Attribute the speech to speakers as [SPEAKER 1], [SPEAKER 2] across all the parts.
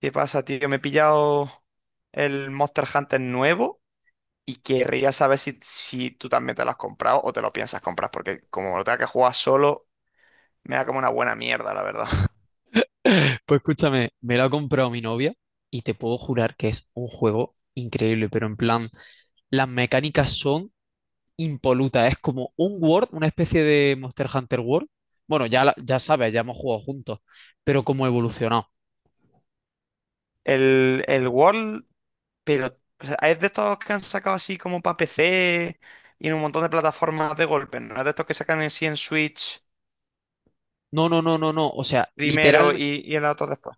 [SPEAKER 1] ¿Qué pasa, tío? Me he pillado el Monster Hunter nuevo y querría saber si tú también te lo has comprado o te lo piensas comprar, porque como lo tenga que jugar solo, me da como una buena mierda, la verdad.
[SPEAKER 2] Pues escúchame, me lo ha comprado mi novia y te puedo jurar que es un juego increíble, pero en plan, las mecánicas son impolutas. Es como un World, una especie de Monster Hunter World. Bueno, ya, ya sabes, ya hemos jugado juntos, pero como evolucionado.
[SPEAKER 1] El World, pero o sea, es de estos que han sacado así como para PC y en un montón de plataformas de golpe, ¿no? Es de estos que sacan en sí en Switch
[SPEAKER 2] No, no, no, no, no. O sea,
[SPEAKER 1] primero
[SPEAKER 2] literal,
[SPEAKER 1] y en la otra después.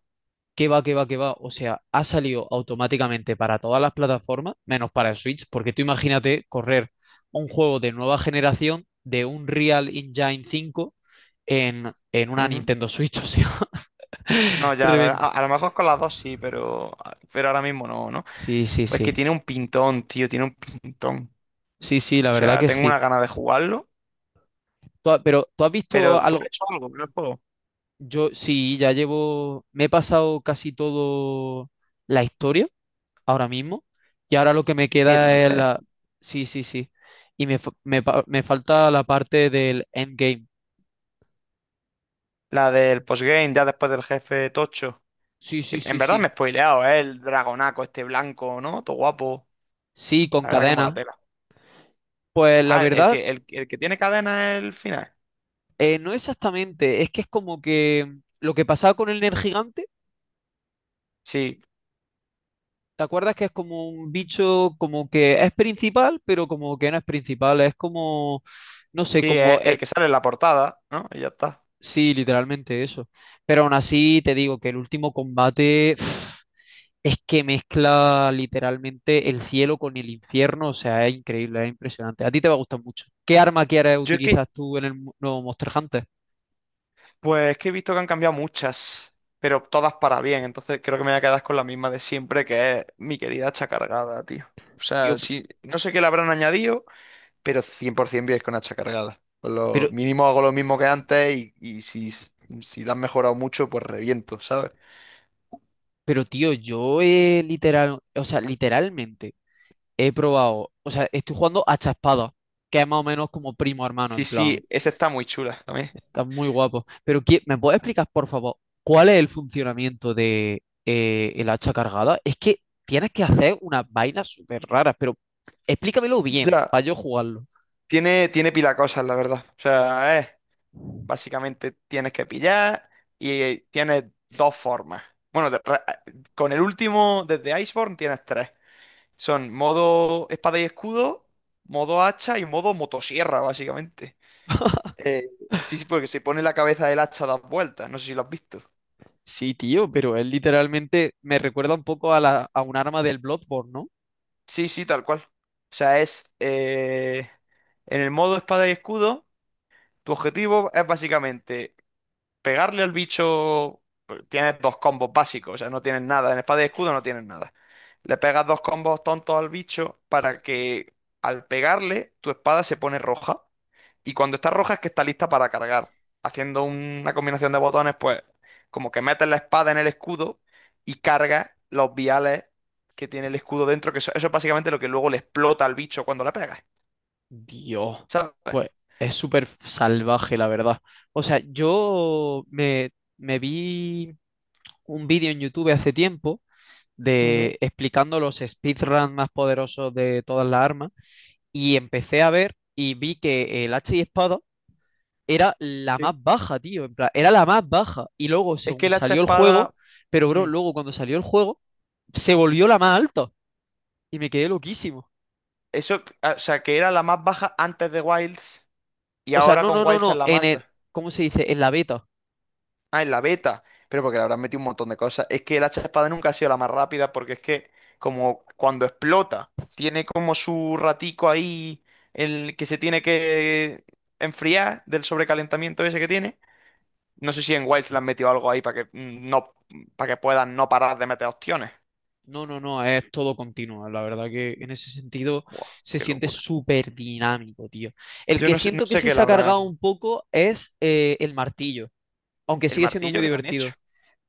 [SPEAKER 2] que va, que va, que va. O sea, ha salido automáticamente para todas las plataformas, menos para el Switch, porque tú imagínate correr un juego de nueva generación de un Real Engine 5 en una
[SPEAKER 1] Ujú.
[SPEAKER 2] Nintendo Switch. O sea.
[SPEAKER 1] No, ya, la verdad, a,
[SPEAKER 2] Reventa.
[SPEAKER 1] a lo mejor con las dos sí, pero ahora mismo no, ¿no?
[SPEAKER 2] Sí, sí,
[SPEAKER 1] Pues que
[SPEAKER 2] sí.
[SPEAKER 1] tiene un pintón, tío, tiene un pintón.
[SPEAKER 2] Sí, sí, la
[SPEAKER 1] O
[SPEAKER 2] verdad
[SPEAKER 1] sea,
[SPEAKER 2] que
[SPEAKER 1] tengo
[SPEAKER 2] sí.
[SPEAKER 1] una gana de jugarlo,
[SPEAKER 2] Pero ¿tú has visto
[SPEAKER 1] pero tú has
[SPEAKER 2] algo?
[SPEAKER 1] hecho algo con el juego.
[SPEAKER 2] Yo sí, me he pasado casi todo la historia ahora mismo y ahora lo que me
[SPEAKER 1] ¿Qué
[SPEAKER 2] queda es
[SPEAKER 1] dices?
[SPEAKER 2] la. Sí, sí, sí. Y me, fa- me pa- me falta la parte del endgame.
[SPEAKER 1] La del postgame, ya después del jefe tocho.
[SPEAKER 2] Sí, sí,
[SPEAKER 1] En
[SPEAKER 2] sí,
[SPEAKER 1] verdad me
[SPEAKER 2] sí.
[SPEAKER 1] he spoileado, ¿eh? El dragonaco este blanco, ¿no? Todo guapo.
[SPEAKER 2] Sí, con
[SPEAKER 1] La verdad que mola
[SPEAKER 2] cadena.
[SPEAKER 1] tela.
[SPEAKER 2] Pues la
[SPEAKER 1] Ah, el
[SPEAKER 2] verdad,
[SPEAKER 1] que, el que tiene cadena es el final.
[SPEAKER 2] no exactamente. Es que es como que lo que pasaba con el Nergigante.
[SPEAKER 1] Sí,
[SPEAKER 2] ¿Te acuerdas que es como un bicho como que es principal, pero como que no es principal? Es como, no sé,
[SPEAKER 1] sí,
[SPEAKER 2] como,
[SPEAKER 1] es el que sale en la portada, ¿no? Y ya está.
[SPEAKER 2] sí, literalmente eso. Pero aún así te digo que el último combate es que mezcla literalmente el cielo con el infierno. O sea, es increíble, es impresionante. A ti te va a gustar mucho. ¿Qué arma quieres
[SPEAKER 1] Yo es
[SPEAKER 2] utilizar
[SPEAKER 1] que,
[SPEAKER 2] tú en el nuevo Monster Hunter?
[SPEAKER 1] pues es que he visto que han cambiado muchas, pero todas para bien. Entonces creo que me voy a quedar con la misma de siempre, que es mi querida hacha cargada, tío. O sea,
[SPEAKER 2] Tío,
[SPEAKER 1] sí, no sé qué le habrán añadido. Pero 100% vienes con hacha cargada. Con lo
[SPEAKER 2] pero,
[SPEAKER 1] mínimo hago lo mismo que antes y si la han mejorado mucho, pues reviento, ¿sabes?
[SPEAKER 2] pero tío, yo, literal, o sea, literalmente. He probado, o sea, estoy jugando a Espada, que es más o menos como primo hermano,
[SPEAKER 1] Sí,
[SPEAKER 2] en plan,
[SPEAKER 1] sí, esa está muy chula también.
[SPEAKER 2] está muy guapo. Pero ¿me puedes explicar, por favor, cuál es el funcionamiento de el hacha cargada? Es que tienes que hacer unas vainas súper raras, pero explícamelo bien,
[SPEAKER 1] Ya,
[SPEAKER 2] para yo jugarlo.
[SPEAKER 1] tiene pila cosas, la verdad. O sea, es, básicamente tienes que pillar y tienes dos formas. Bueno, con el último, desde Iceborne, tienes tres. Son modo espada y escudo, modo hacha y modo motosierra, básicamente. Eh, Sí, sí, porque se pone la cabeza del hacha a dar vueltas, no sé si lo has visto.
[SPEAKER 2] Sí, tío, pero él literalmente me recuerda un poco a un arma del Bloodborne, ¿no?
[SPEAKER 1] Sí, sí, tal cual. O sea, es en el modo espada y escudo, tu objetivo es básicamente pegarle al bicho. Tienes dos combos básicos, o sea, no tienes nada. En espada y escudo no tienes nada. Le pegas dos combos tontos al bicho para que al pegarle tu espada se pone roja. Y cuando está roja es que está lista para cargar. Haciendo una combinación de botones, pues como que metes la espada en el escudo y cargas los viales que tiene el escudo dentro, que eso es básicamente lo que luego le explota al bicho cuando la pegas.
[SPEAKER 2] Dios,
[SPEAKER 1] ¿Sabes?
[SPEAKER 2] pues es súper salvaje, la verdad. O sea, yo me vi un vídeo en YouTube hace tiempo
[SPEAKER 1] Ujú.
[SPEAKER 2] de explicando los speedruns más poderosos de todas las armas y empecé a ver y vi que el hacha y espada era la más
[SPEAKER 1] Sí.
[SPEAKER 2] baja, tío, en plan, era la más baja y luego
[SPEAKER 1] Es que
[SPEAKER 2] según
[SPEAKER 1] el hacha
[SPEAKER 2] salió el juego,
[SPEAKER 1] espada.
[SPEAKER 2] pero bro,
[SPEAKER 1] mm,
[SPEAKER 2] luego cuando salió el juego se volvió la más alta y me quedé loquísimo.
[SPEAKER 1] Eso, o sea, que era la más baja antes de Wilds y
[SPEAKER 2] O sea,
[SPEAKER 1] ahora
[SPEAKER 2] no,
[SPEAKER 1] con
[SPEAKER 2] no, no,
[SPEAKER 1] Wilds es
[SPEAKER 2] no,
[SPEAKER 1] la más alta.
[SPEAKER 2] ¿cómo se dice? En la beta.
[SPEAKER 1] Ah, en la beta. Pero porque le habrán metido un montón de cosas. Es que el hacha de espada nunca ha sido la más rápida porque es que como cuando explota, tiene como su ratico ahí, el que se tiene que enfriar del sobrecalentamiento ese que tiene. No sé si en Wilds le han metido algo ahí para que para que puedan no parar de meter opciones.
[SPEAKER 2] No, no, no, es todo continuo. La verdad que en ese sentido
[SPEAKER 1] Buah,
[SPEAKER 2] se
[SPEAKER 1] qué
[SPEAKER 2] siente
[SPEAKER 1] locura.
[SPEAKER 2] súper dinámico, tío. El
[SPEAKER 1] Yo
[SPEAKER 2] que
[SPEAKER 1] no sé, no
[SPEAKER 2] siento que
[SPEAKER 1] sé
[SPEAKER 2] sí
[SPEAKER 1] qué
[SPEAKER 2] se
[SPEAKER 1] le
[SPEAKER 2] ha cargado
[SPEAKER 1] habrán.
[SPEAKER 2] un poco es el martillo, aunque
[SPEAKER 1] El
[SPEAKER 2] sigue siendo
[SPEAKER 1] martillo
[SPEAKER 2] muy
[SPEAKER 1] que le han hecho.
[SPEAKER 2] divertido.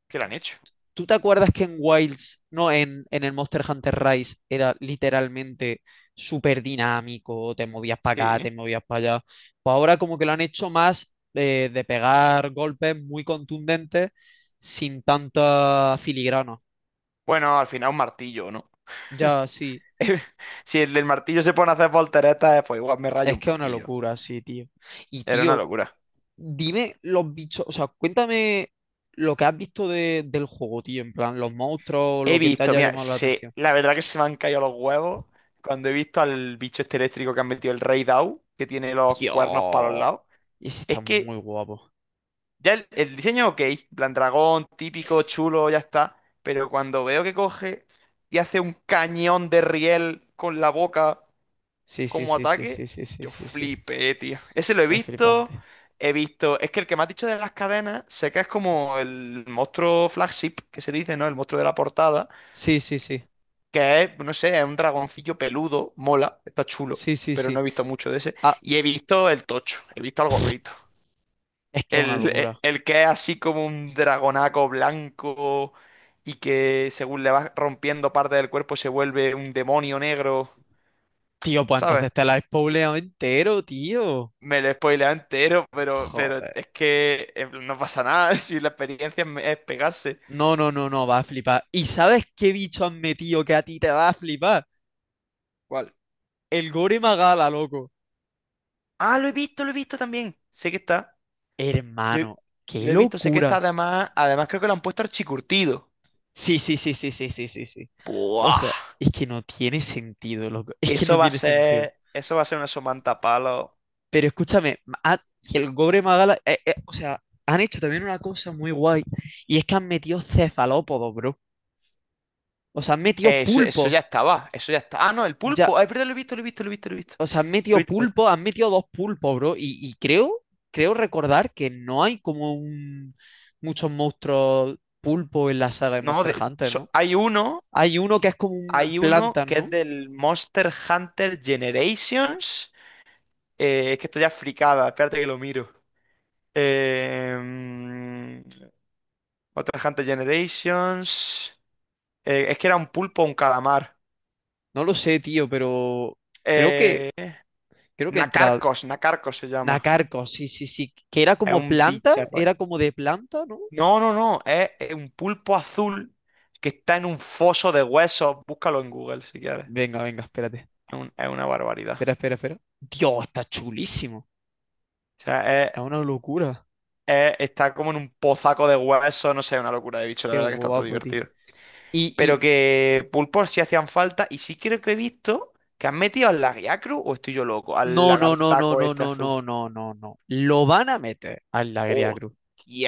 [SPEAKER 1] ¿Qué le han hecho?
[SPEAKER 2] ¿Tú te acuerdas que en Wilds, no, en el Monster Hunter Rise era literalmente súper dinámico? Te movías para acá,
[SPEAKER 1] Sí.
[SPEAKER 2] te movías para allá. Pues ahora como que lo han hecho más de pegar golpes muy contundentes sin tanta filigrana.
[SPEAKER 1] Bueno, al final un martillo, ¿no?
[SPEAKER 2] Ya, sí.
[SPEAKER 1] Si el del martillo se pone a hacer volteretas, pues igual me rayo
[SPEAKER 2] Es
[SPEAKER 1] un
[SPEAKER 2] que es una
[SPEAKER 1] poquillo.
[SPEAKER 2] locura, sí, tío. Y
[SPEAKER 1] Era una
[SPEAKER 2] tío,
[SPEAKER 1] locura.
[SPEAKER 2] dime los bichos, o sea, cuéntame lo que has visto del juego, tío, en plan, los monstruos, lo
[SPEAKER 1] He
[SPEAKER 2] que te
[SPEAKER 1] visto,
[SPEAKER 2] haya
[SPEAKER 1] mira,
[SPEAKER 2] llamado la
[SPEAKER 1] se,
[SPEAKER 2] atención.
[SPEAKER 1] la verdad que se me han caído los huevos cuando he visto al bicho este eléctrico que han metido el Rey Dao, que tiene los cuernos para los
[SPEAKER 2] Tío,
[SPEAKER 1] lados.
[SPEAKER 2] ese está
[SPEAKER 1] Es que
[SPEAKER 2] muy guapo.
[SPEAKER 1] ya el diseño es ok, en plan dragón, típico, chulo, ya está. Pero cuando veo que coge y hace un cañón de riel con la boca
[SPEAKER 2] Sí, sí,
[SPEAKER 1] como
[SPEAKER 2] sí, sí,
[SPEAKER 1] ataque,
[SPEAKER 2] sí, sí, sí,
[SPEAKER 1] yo
[SPEAKER 2] sí, sí.
[SPEAKER 1] flipé, tío. Ese lo he
[SPEAKER 2] Es
[SPEAKER 1] visto,
[SPEAKER 2] flipante.
[SPEAKER 1] he visto. Es que el que me has dicho de las cadenas, sé que es como el monstruo flagship que se dice, ¿no? El monstruo de la portada.
[SPEAKER 2] Sí, sí, sí.
[SPEAKER 1] Que es, no sé, es un dragoncillo peludo, mola, está chulo,
[SPEAKER 2] Sí, sí,
[SPEAKER 1] pero no
[SPEAKER 2] sí.
[SPEAKER 1] he visto mucho de ese.
[SPEAKER 2] Ah,
[SPEAKER 1] Y he visto el tocho, he visto al gorrito.
[SPEAKER 2] es que es una
[SPEAKER 1] El, el-
[SPEAKER 2] locura.
[SPEAKER 1] el que es así como un dragonaco blanco y que según le vas rompiendo parte del cuerpo se vuelve un demonio negro,
[SPEAKER 2] Tío, pues
[SPEAKER 1] ¿sabes?
[SPEAKER 2] entonces te la has spoileado entero, tío.
[SPEAKER 1] Me lo he spoileado entero, pero
[SPEAKER 2] Joder.
[SPEAKER 1] es que no pasa nada si la experiencia es pegarse.
[SPEAKER 2] No, no, no, no, va a flipar. ¿Y sabes qué bicho han metido que a ti te va a flipar?
[SPEAKER 1] ¿Cuál?
[SPEAKER 2] El Gore Magala, loco.
[SPEAKER 1] Ah, lo he visto también. Sé que está. Lo
[SPEAKER 2] Hermano,
[SPEAKER 1] he,
[SPEAKER 2] qué
[SPEAKER 1] lo he visto, sé que está
[SPEAKER 2] locura.
[SPEAKER 1] además. Además creo que lo han puesto archicurtido.
[SPEAKER 2] Sí, sí, sí, sí, sí, sí, sí, sí. O
[SPEAKER 1] Buah,
[SPEAKER 2] sea, es que no tiene sentido, loco. Es que no tiene sentido.
[SPEAKER 1] eso va a ser una somanta palo.
[SPEAKER 2] Pero escúchame, ha- el Gore Magala, o sea, han hecho también una cosa muy guay. Y es que han metido cefalópodos, bro. O sea, han metido
[SPEAKER 1] Eso,
[SPEAKER 2] pulpos.
[SPEAKER 1] ya estaba, eso ya está. Ah, no, el
[SPEAKER 2] Ya,
[SPEAKER 1] pulpo. Ay, perdón, lo he visto, lo he visto, lo he visto, lo he visto.
[SPEAKER 2] o sea, han
[SPEAKER 1] Lo
[SPEAKER 2] metido
[SPEAKER 1] he visto, lo he visto.
[SPEAKER 2] pulpos, han metido dos pulpos, bro. Y creo recordar que no hay muchos monstruos pulpo en la saga de
[SPEAKER 1] No,
[SPEAKER 2] Monster Hunter, ¿no? Hay uno que es como un
[SPEAKER 1] hay uno
[SPEAKER 2] plantas,
[SPEAKER 1] que es
[SPEAKER 2] ¿no?
[SPEAKER 1] del Monster Hunter Generations. Es que estoy ya fricada, espérate que lo miro. Eh, mm, Monster Hunter Generations. Es que era un pulpo o un calamar.
[SPEAKER 2] No lo sé, tío, pero creo que
[SPEAKER 1] Eh,
[SPEAKER 2] creo que entra
[SPEAKER 1] Nacarcos, Nacarcos se llama.
[SPEAKER 2] Nacarco, sí, sí, sí, que era
[SPEAKER 1] Es
[SPEAKER 2] como
[SPEAKER 1] un
[SPEAKER 2] planta,
[SPEAKER 1] bicho.
[SPEAKER 2] era como de planta, ¿no?
[SPEAKER 1] No, no, no, es un pulpo azul que está en un foso de huesos. Búscalo en Google si quieres.
[SPEAKER 2] Venga, venga, espérate.
[SPEAKER 1] Es, es una barbaridad.
[SPEAKER 2] Espera, espera, espera. Dios, está chulísimo.
[SPEAKER 1] O sea,
[SPEAKER 2] Es una locura.
[SPEAKER 1] está como en un pozaco de huesos, no sé, una locura de bicho, la
[SPEAKER 2] Qué
[SPEAKER 1] verdad que está todo
[SPEAKER 2] guapo, tío.
[SPEAKER 1] divertido.
[SPEAKER 2] Y.
[SPEAKER 1] Pero que pulpos sí hacían falta y sí creo que he visto que han metido al lagriacru o estoy yo loco, al
[SPEAKER 2] No, no, no, no,
[SPEAKER 1] lagartaco
[SPEAKER 2] no,
[SPEAKER 1] este
[SPEAKER 2] no,
[SPEAKER 1] azul.
[SPEAKER 2] no, no, no, no. Lo van a meter a la Gría Cruz.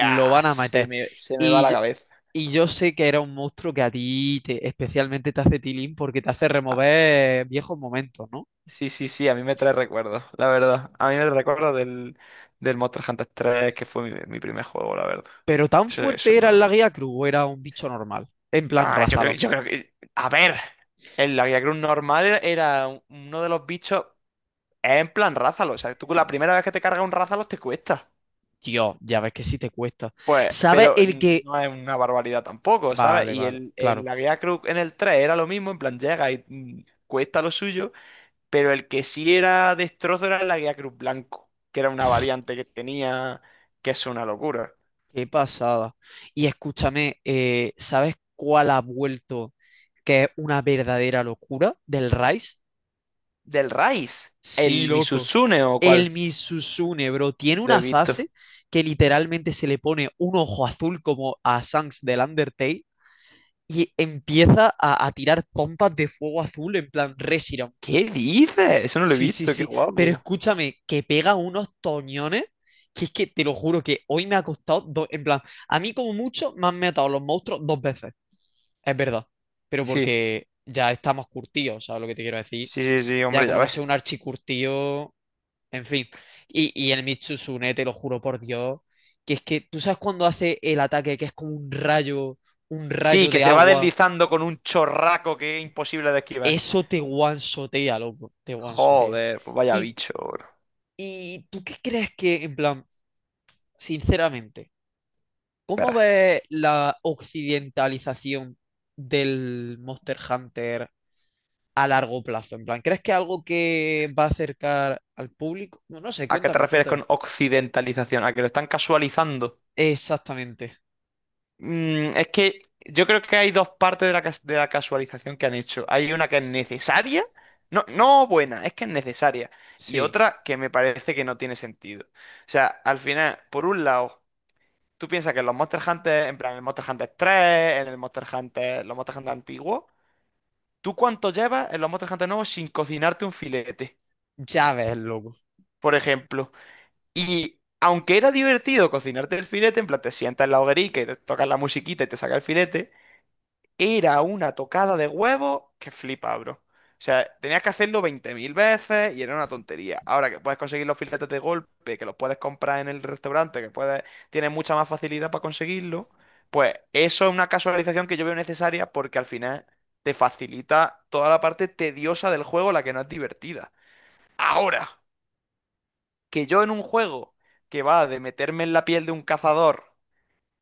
[SPEAKER 2] Lo van a meter.
[SPEAKER 1] Se me va
[SPEAKER 2] Y,
[SPEAKER 1] la
[SPEAKER 2] yo-
[SPEAKER 1] cabeza.
[SPEAKER 2] y yo sé que era un monstruo que a ti especialmente te hace tilín porque te hace remover viejos momentos, ¿no?
[SPEAKER 1] Sí, sí, sí, a mí me trae recuerdos, la verdad. A mí me recuerda del, del Monster Hunter 3, que fue mi primer juego, la verdad.
[SPEAKER 2] Pero tan
[SPEAKER 1] Eso
[SPEAKER 2] fuerte
[SPEAKER 1] era una
[SPEAKER 2] era la
[SPEAKER 1] locura.
[SPEAKER 2] Gría Cruz o era un bicho normal. En plan,
[SPEAKER 1] Ah,
[SPEAKER 2] rázalo.
[SPEAKER 1] yo creo que. A ver, el Lavia Cruz normal era uno de los bichos. Es en plan rázalos. O sea, tú con la primera vez que te cargas un rázalos te cuesta.
[SPEAKER 2] Dios, ya ves que sí te cuesta.
[SPEAKER 1] Pues,
[SPEAKER 2] ¿Sabes
[SPEAKER 1] pero
[SPEAKER 2] el que?
[SPEAKER 1] no es una barbaridad tampoco, ¿sabes?
[SPEAKER 2] Vale,
[SPEAKER 1] Y
[SPEAKER 2] vale, claro.
[SPEAKER 1] la Guía Cruz en el 3 era lo mismo, en plan llega y cuesta lo suyo. Pero el que sí era destrozo era la guía Cruz Blanco, que era una variante que tenía, que es una locura.
[SPEAKER 2] Qué pasada. Y escúchame, ¿sabes cuál ha vuelto que es una verdadera locura del Rice?
[SPEAKER 1] Del Rice,
[SPEAKER 2] Sí,
[SPEAKER 1] el
[SPEAKER 2] loco.
[SPEAKER 1] Misutsune o
[SPEAKER 2] El
[SPEAKER 1] cuál,
[SPEAKER 2] Misusune, bro, tiene
[SPEAKER 1] lo he
[SPEAKER 2] una
[SPEAKER 1] visto.
[SPEAKER 2] fase que literalmente se le pone un ojo azul como a Sans del Undertale y empieza a tirar pompas de fuego azul en plan Reshiram.
[SPEAKER 1] ¿Qué dices? Eso no lo he
[SPEAKER 2] Sí, sí,
[SPEAKER 1] visto, qué
[SPEAKER 2] sí. Pero
[SPEAKER 1] guapo.
[SPEAKER 2] escúchame, que pega unos toñones, que es que te lo juro que hoy me ha costado dos. En plan, a mí como mucho me han matado los monstruos dos veces. Es verdad. Pero
[SPEAKER 1] Sí,
[SPEAKER 2] porque ya estamos curtidos, ¿sabes lo que te quiero decir?
[SPEAKER 1] sí, sí, sí,
[SPEAKER 2] Ya
[SPEAKER 1] hombre, ya
[SPEAKER 2] como no
[SPEAKER 1] ves.
[SPEAKER 2] sé, un archicurtío. En fin. Y el Mitsusune, te lo juro por Dios. Que es que, ¿tú sabes cuando hace el ataque que es como un
[SPEAKER 1] Sí,
[SPEAKER 2] rayo
[SPEAKER 1] que
[SPEAKER 2] de
[SPEAKER 1] se va
[SPEAKER 2] agua?
[SPEAKER 1] deslizando con un chorraco que es imposible de esquivar.
[SPEAKER 2] Eso te guansotea, loco. Te guansotea.
[SPEAKER 1] Joder, pues vaya
[SPEAKER 2] Y,
[SPEAKER 1] bicho, bro.
[SPEAKER 2] ¿Y tú qué crees que, en plan, sinceramente, cómo
[SPEAKER 1] Espera,
[SPEAKER 2] ves la occidentalización del Monster Hunter a largo plazo? En plan, ¿crees que es algo que va a acercar al público? No, no sé,
[SPEAKER 1] ¿a qué te
[SPEAKER 2] cuéntame,
[SPEAKER 1] refieres
[SPEAKER 2] cuéntame.
[SPEAKER 1] con occidentalización? ¿A que lo están casualizando?
[SPEAKER 2] Exactamente,
[SPEAKER 1] Es que yo creo que hay dos partes de la, de la casualización que han hecho. Hay una que es necesaria, no, no buena, es que es necesaria. Y
[SPEAKER 2] sí,
[SPEAKER 1] otra que me parece que no tiene sentido. O sea, al final, por un lado, tú piensas que en los Monster Hunter, en plan, en el Monster Hunter 3, en el Monster Hunter, los Monster Hunter antiguos, ¿tú cuánto llevas en los Monster Hunter nuevos sin cocinarte un filete?
[SPEAKER 2] ya ves, loco.
[SPEAKER 1] Por ejemplo. Y aunque era divertido cocinarte el filete, en plan, te sientas en la hoguerica y te tocas la musiquita y te saca el filete. Era una tocada de huevo que flipa, bro. O sea, tenías que hacerlo 20.000 veces y era una tontería. Ahora que puedes conseguir los filetes de golpe, que los puedes comprar en el restaurante, que puedes, tienes mucha más facilidad para conseguirlo, pues eso es una casualización que yo veo necesaria porque al final te facilita toda la parte tediosa del juego, la que no es divertida. Ahora, que yo en un juego que va de meterme en la piel de un cazador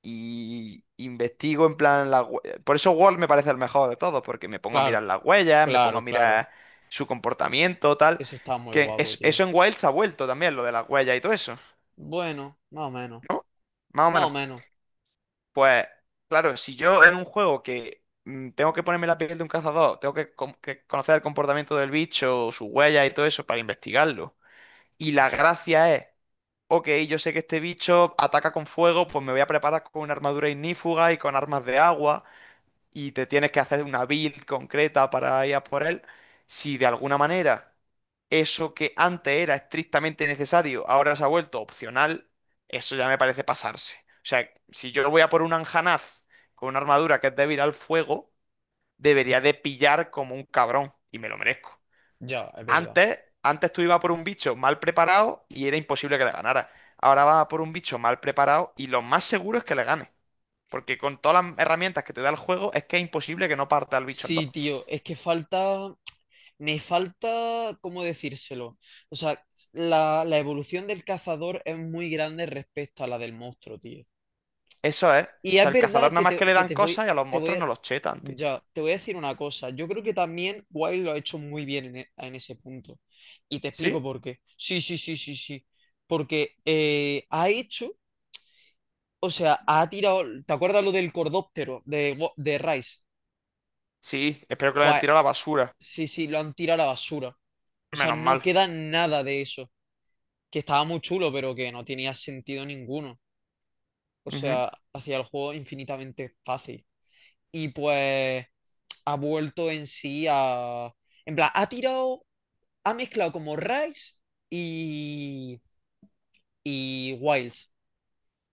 [SPEAKER 1] y investigo en plan Por eso Word me parece el mejor de todos, porque me pongo a mirar
[SPEAKER 2] Claro,
[SPEAKER 1] las huellas, me pongo a
[SPEAKER 2] claro, claro.
[SPEAKER 1] mirar su comportamiento, tal.
[SPEAKER 2] Eso está muy guapo, tío.
[SPEAKER 1] Eso en Wild se ha vuelto también, lo de las huellas y todo eso,
[SPEAKER 2] Bueno, más o menos,
[SPEAKER 1] ¿no? Más o
[SPEAKER 2] más o
[SPEAKER 1] menos.
[SPEAKER 2] menos.
[SPEAKER 1] Pues claro, si yo en un juego que tengo que ponerme la piel de un cazador, tengo que, que conocer el comportamiento del bicho, sus huellas y todo eso para investigarlo. Y la gracia es... Ok, yo sé que este bicho ataca con fuego, pues me voy a preparar con una armadura ignífuga y con armas de agua. Y te tienes que hacer una build concreta para ir a por él, si de alguna manera eso que antes era estrictamente necesario ahora se ha vuelto opcional, eso ya me parece pasarse. O sea, si yo voy a por un Anjanaz con una armadura que es débil al fuego, debería de pillar como un cabrón y me lo merezco.
[SPEAKER 2] Ya, es verdad.
[SPEAKER 1] Antes tú ibas por un bicho mal preparado y era imposible que le ganara. Ahora vas a por un bicho mal preparado y lo más seguro es que le gane. Porque con todas las herramientas que te da el juego, es que es imposible que no parta el bicho en dos.
[SPEAKER 2] Sí, tío, es que me falta, ¿cómo decírselo? O sea, la evolución del cazador es muy grande respecto a la del monstruo, tío.
[SPEAKER 1] Eso es.
[SPEAKER 2] Y
[SPEAKER 1] O
[SPEAKER 2] es
[SPEAKER 1] sea, el cazador
[SPEAKER 2] verdad
[SPEAKER 1] nada
[SPEAKER 2] que
[SPEAKER 1] más que le dan cosas y a los
[SPEAKER 2] te voy
[SPEAKER 1] monstruos
[SPEAKER 2] a,
[SPEAKER 1] no los chetan, tío.
[SPEAKER 2] ya, te voy a decir una cosa. Yo creo que también Wild lo ha hecho muy bien en, en ese punto. Y te explico
[SPEAKER 1] ¿Sí?
[SPEAKER 2] por qué. Sí, sí, sí, sí, sí. Porque ha hecho, o sea, ha tirado, ¿te acuerdas lo del cordóptero de Rice?
[SPEAKER 1] Sí, espero que lo hayan
[SPEAKER 2] Pues
[SPEAKER 1] tirado a la basura.
[SPEAKER 2] sí, sí, lo han tirado a la basura. O sea,
[SPEAKER 1] Menos
[SPEAKER 2] no
[SPEAKER 1] mal.
[SPEAKER 2] queda nada de eso. Que estaba muy chulo, pero que no tenía sentido ninguno. O
[SPEAKER 1] Ujú.
[SPEAKER 2] sea, hacía el juego infinitamente fácil. Y pues ha vuelto en sí a. En plan, ha tirado, ha mezclado como Rise y, y Wilds,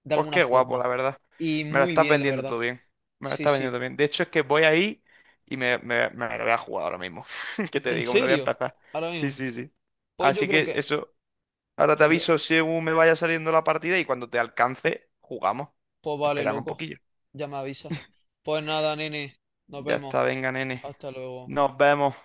[SPEAKER 2] de
[SPEAKER 1] Pues
[SPEAKER 2] alguna
[SPEAKER 1] qué guapo,
[SPEAKER 2] forma.
[SPEAKER 1] la verdad.
[SPEAKER 2] Y
[SPEAKER 1] Me lo
[SPEAKER 2] muy
[SPEAKER 1] estás
[SPEAKER 2] bien, la
[SPEAKER 1] vendiendo
[SPEAKER 2] verdad.
[SPEAKER 1] todo bien. Me lo
[SPEAKER 2] Sí,
[SPEAKER 1] estás
[SPEAKER 2] sí.
[SPEAKER 1] vendiendo bien. De hecho, es que voy ahí y me lo voy a jugar ahora mismo. ¿Qué te
[SPEAKER 2] ¿En
[SPEAKER 1] digo? Me lo voy a
[SPEAKER 2] serio?
[SPEAKER 1] empezar.
[SPEAKER 2] Ahora
[SPEAKER 1] Sí,
[SPEAKER 2] mismo.
[SPEAKER 1] sí, sí.
[SPEAKER 2] Pues yo
[SPEAKER 1] Así
[SPEAKER 2] creo
[SPEAKER 1] que
[SPEAKER 2] que
[SPEAKER 1] eso. Ahora te
[SPEAKER 2] Pues ya,
[SPEAKER 1] aviso según me vaya saliendo la partida y cuando te alcance, jugamos.
[SPEAKER 2] pues vale,
[SPEAKER 1] Espérame un
[SPEAKER 2] loco.
[SPEAKER 1] poquillo.
[SPEAKER 2] Ya me avisa. Pues nada, nene. Nos
[SPEAKER 1] Ya
[SPEAKER 2] vemos.
[SPEAKER 1] está, venga, nene.
[SPEAKER 2] Hasta luego.
[SPEAKER 1] Nos vemos.